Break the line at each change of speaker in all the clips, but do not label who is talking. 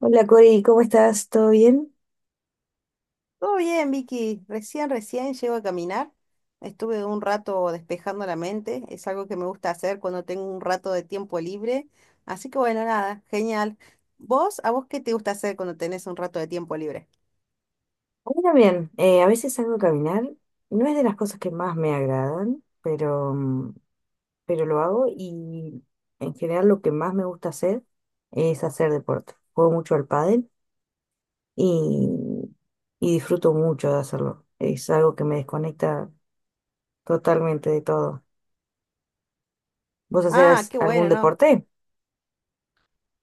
Hola Cori, ¿cómo estás? ¿Todo bien?
Todo bien, Vicky. Recién llego a caminar. Estuve un rato despejando la mente. Es algo que me gusta hacer cuando tengo un rato de tiempo libre. Así que bueno, nada, genial. ¿A vos qué te gusta hacer cuando tenés un rato de tiempo libre?
Bueno, bien, a veces salgo a caminar, no es de las cosas que más me agradan, pero, pero lo hago y en general lo que más me gusta hacer es hacer deporte. Juego mucho al pádel y, y disfruto mucho de hacerlo. Es algo que me desconecta totalmente de todo. ¿Vos
Ah,
hacés
qué
algún
bueno, ¿no?
deporte?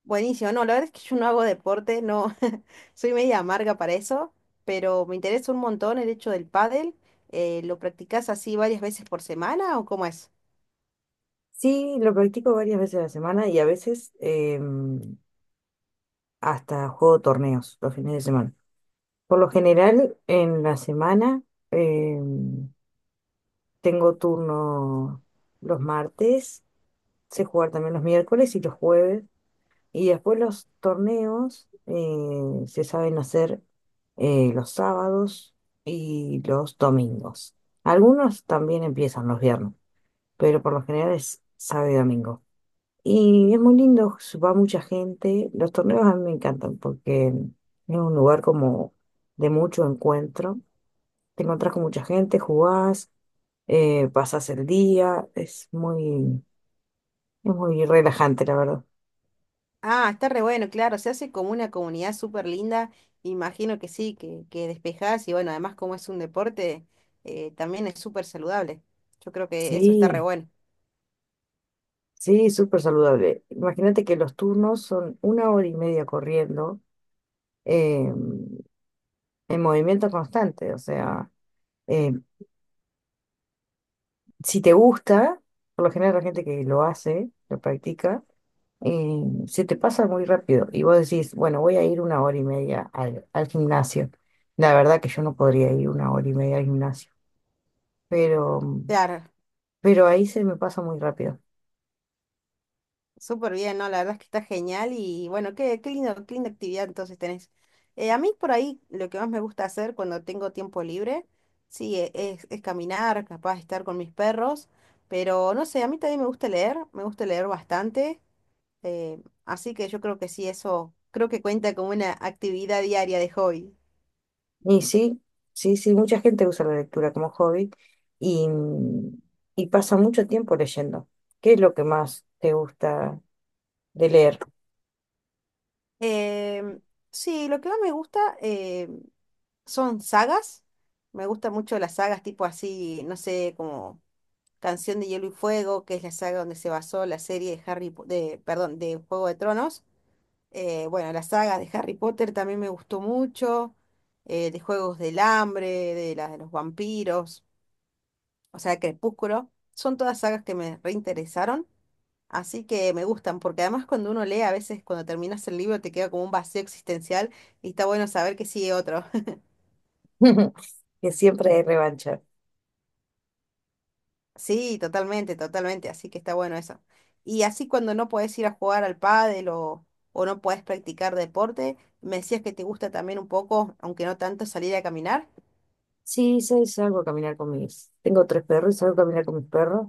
Buenísimo. No, la verdad es que yo no hago deporte, no. Soy media amarga para eso, pero me interesa un montón el hecho del pádel. ¿Lo practicás así varias veces por semana o cómo es?
Sí, lo practico varias veces a la semana y a veces hasta juego torneos los fines de semana. Por lo general, en la semana eh, tengo turno los martes, sé jugar también los miércoles y los jueves. Y después los torneos se saben hacer los sábados y los domingos. Algunos también empiezan los viernes, pero por lo general es sábado y domingo. Y es muy lindo, va mucha gente. Los torneos a mí me encantan porque es un lugar como de mucho encuentro, te encontrás con mucha gente, jugás, pasás el día, es es muy relajante, la verdad.
Ah, está re bueno, claro, se hace como una comunidad súper linda, imagino que sí, que despejás y bueno, además como es un deporte, también es súper saludable. Yo creo que eso está re
Sí,
bueno.
sí, súper saludable. Imagínate que los turnos son una hora y media corriendo, eh, en movimiento constante, o sea, eh, si te gusta, por lo general la gente que lo hace, lo practica, eh, se te pasa muy rápido y vos decís, bueno, voy a ir una hora y media al gimnasio. La verdad que yo no podría ir una hora y media al gimnasio, pero
Claro,
ahí se me pasa muy rápido.
súper bien, ¿no? La verdad es que está genial y bueno, qué lindo, qué linda actividad entonces tenés. A mí por ahí lo que más me gusta hacer cuando tengo tiempo libre, sí, es caminar, capaz de estar con mis perros, pero no sé, a mí también me gusta leer bastante. Así que yo creo que sí, eso creo que cuenta como una actividad diaria de hobby.
Y sí, sí, sí, mucha gente usa la lectura como hobby y, y pasa mucho tiempo leyendo. ¿Qué es lo que más te gusta de leer?
Em, sí, lo que más me gusta son sagas. Me gustan mucho las sagas tipo así, no sé, como Canción de Hielo y Fuego, que es la saga donde se basó la serie de perdón, de Juego de Tronos. Bueno, la saga de Harry Potter también me gustó mucho, de Juegos del Hambre, de la de los vampiros, o sea, Crepúsculo. Son todas sagas que me reinteresaron. Así que me gustan, porque además cuando uno lee, a veces cuando terminas el libro te queda como un vacío existencial y está bueno saber que sigue otro.
Que siempre hay revancha.
Sí, totalmente, totalmente, así que está bueno eso. Y así cuando no podés ir a jugar al pádel o no podés practicar deporte, me decías que te gusta también un poco, aunque no tanto, salir a caminar.
Sí, sí, salgo a caminar con mis... Tengo tres perros y salgo a caminar con mis perros.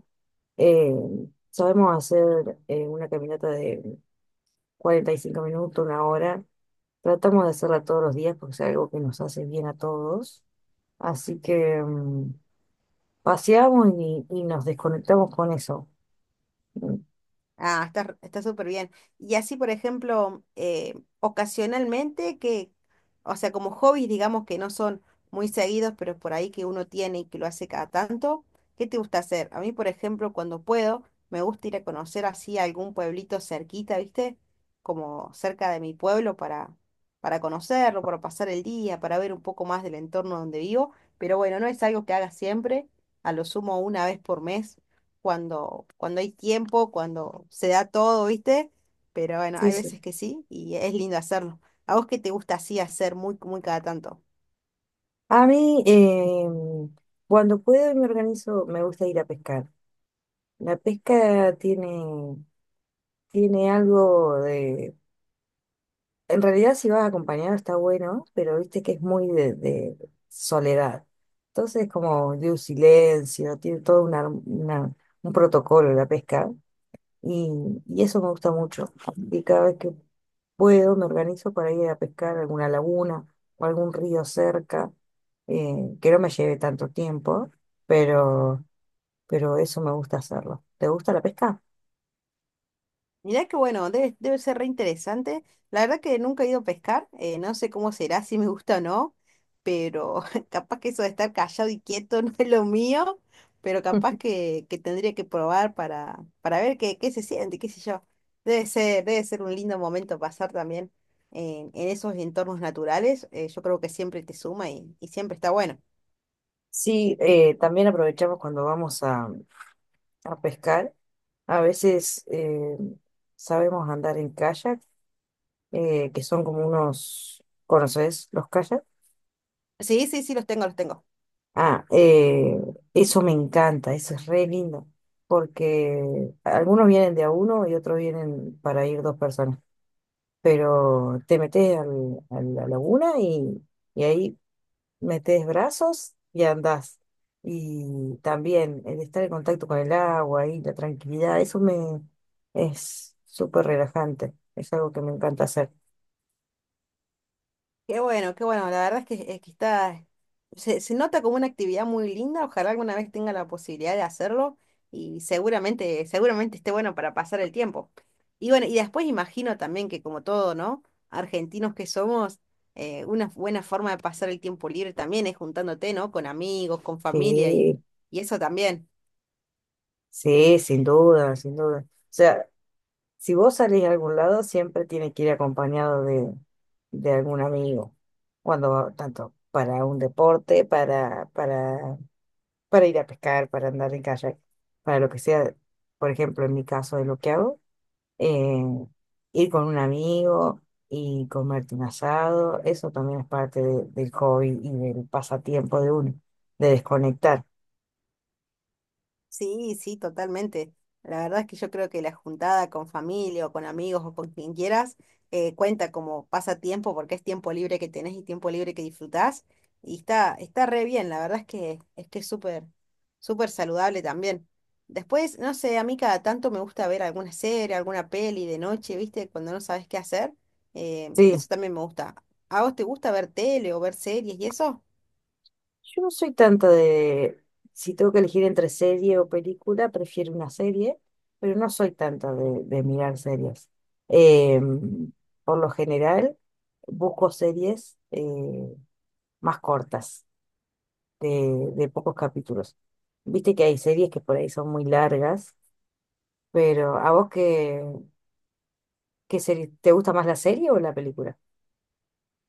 Eh, sabemos hacer una caminata de 45 minutos, una hora. Tratamos de hacerla todos los días porque es algo que nos hace bien a todos. Así que... paseamos y nos desconectamos con eso. Mm.
Ah, está, está súper bien. Y así, por ejemplo, ocasionalmente que, o sea, como hobbies, digamos que no son muy seguidos, pero por ahí que uno tiene y que lo hace cada tanto, ¿qué te gusta hacer? A mí, por ejemplo, cuando puedo, me gusta ir a conocer así algún pueblito cerquita, ¿viste? Como cerca de mi pueblo para conocerlo, para pasar el día, para ver un poco más del entorno donde vivo. Pero bueno, no es algo que haga siempre, a lo sumo una vez por mes cuando, cuando hay tiempo, cuando se da todo, ¿viste? Pero bueno,
Sí,
hay
sí.
veces que sí y es lindo hacerlo. ¿A vos qué te gusta así hacer muy, muy cada tanto?
A mí, cuando puedo y me organizo, me gusta ir a pescar. La pesca tiene algo de... En realidad, si vas acompañado está bueno, pero viste que es muy de soledad. Entonces, como de un silencio, tiene todo un protocolo la pesca. Y, y eso me gusta mucho. Y cada vez que puedo, me organizo para ir a pescar a alguna laguna o algún río cerca, eh, que no me lleve tanto tiempo, pero, pero eso me gusta hacerlo. ¿Te gusta la pesca?
Mirá que bueno, debe, debe ser re interesante. La verdad que nunca he ido a pescar, no sé cómo será, si me gusta o no, pero capaz que eso de estar callado y quieto no es lo mío, pero capaz que tendría que probar para ver qué, qué se siente, qué sé yo. Debe ser un lindo momento pasar también en esos entornos naturales. Yo creo que siempre te suma y siempre está bueno.
Sí, también aprovechamos cuando vamos a pescar. A veces sabemos andar en kayak, que son como unos, ¿conoces los kayaks?
Sí, sí, sí, los tengo, los tengo.
Ah, eso me encanta, eso es re lindo, porque algunos vienen de a uno y otros vienen para ir dos personas, pero te metes a la laguna y ahí metes brazos y andás. Y también el estar en contacto con el agua y la tranquilidad, eso me es súper relajante, es algo que me encanta hacer.
Qué bueno, qué bueno. La verdad es que está, se nota como una actividad muy linda. Ojalá alguna vez tenga la posibilidad de hacerlo y seguramente, seguramente esté bueno para pasar el tiempo. Y bueno, y después imagino también que como todo, ¿no? Argentinos que somos, una buena forma de pasar el tiempo libre también es juntándote, ¿no? Con amigos, con familia
Sí,
y eso también.
sí, sin duda, sin duda. O sea, si vos salís a algún lado, siempre tiene que ir acompañado de algún amigo. Tanto para un deporte, para ir a pescar, para andar en kayak, para lo que sea, por ejemplo, en mi caso de lo que hago, eh, ir con un amigo y comerte un asado, eso también es parte de- del hobby y del pasatiempo de uno, de desconectar.
Sí, sí, totalmente. La verdad es que yo creo que la juntada con familia o con amigos o con quien quieras cuenta como pasatiempo porque es tiempo libre que tenés y tiempo libre que disfrutás. Y está, está re bien, la verdad es que es que es súper, súper saludable también. Después, no sé, a mí cada tanto me gusta ver alguna serie, alguna peli de noche, ¿viste? Cuando no sabes qué hacer.
Sí,
Eso también me gusta. ¿A vos te gusta ver tele o ver series y eso?
yo no soy tanto de, si tengo que elegir entre serie o película, prefiero una serie, pero no soy tanto de mirar series. Em, por lo general, busco series más cortas, de pocos capítulos. Viste que hay series que por ahí son muy largas, pero ¿a vos qué serie? ¿Te gusta más la serie o la película?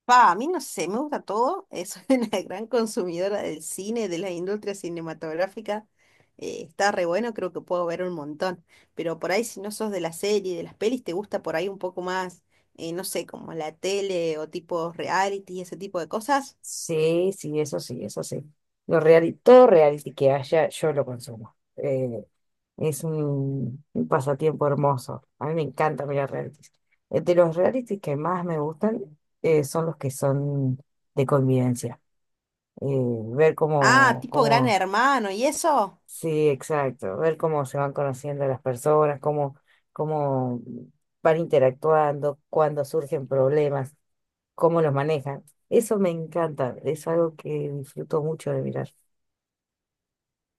Pa, a mí no sé, me gusta todo. Soy una gran consumidora del cine, de la industria cinematográfica. Está re bueno, creo que puedo ver un montón. Pero por ahí, si no sos de la serie, de las pelis, te gusta por ahí un poco más, no sé, como la tele o tipo reality, y ese tipo de cosas.
Sí, sí, eso sí, eso sí. Todo reality que haya, yo lo consumo. Es un pasatiempo hermoso. A mí me encanta mirar realities. De los realities que más me gustan son los que son de convivencia. Eh, ver
Ah, tipo Gran Hermano, ¿y eso?
sí, exacto, ver cómo se van conociendo las personas, cómo van interactuando, cuando surgen problemas, cómo los manejan. Eso me encanta, es algo que disfruto mucho de mirar.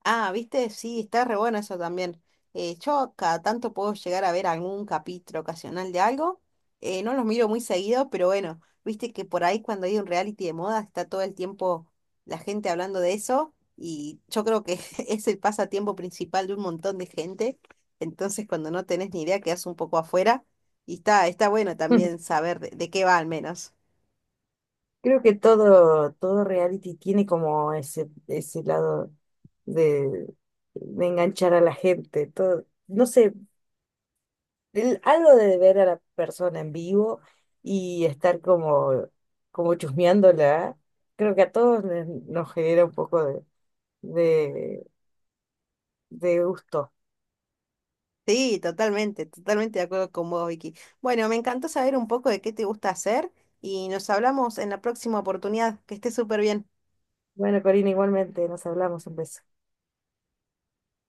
Ah, viste, sí, está re bueno eso también. Yo cada tanto puedo llegar a ver algún capítulo ocasional de algo. No los miro muy seguido, pero bueno, viste que por ahí cuando hay un reality de moda está todo el tiempo la gente hablando de eso y yo creo que es el pasatiempo principal de un montón de gente. Entonces cuando no tenés ni idea quedás un poco afuera y está, está bueno también saber de qué va al menos.
Creo que todo reality tiene como ese lado de, de enganchar a la gente, todo, no sé, algo de ver a la persona en vivo y estar como chusmeándola, creo que a nos genera un poco de, de gusto.
Sí, totalmente, totalmente de acuerdo con vos, Vicky. Bueno, me encantó saber un poco de qué te gusta hacer y nos hablamos en la próxima oportunidad. Que estés súper bien.
Bueno, Corina, igualmente, nos hablamos, un beso.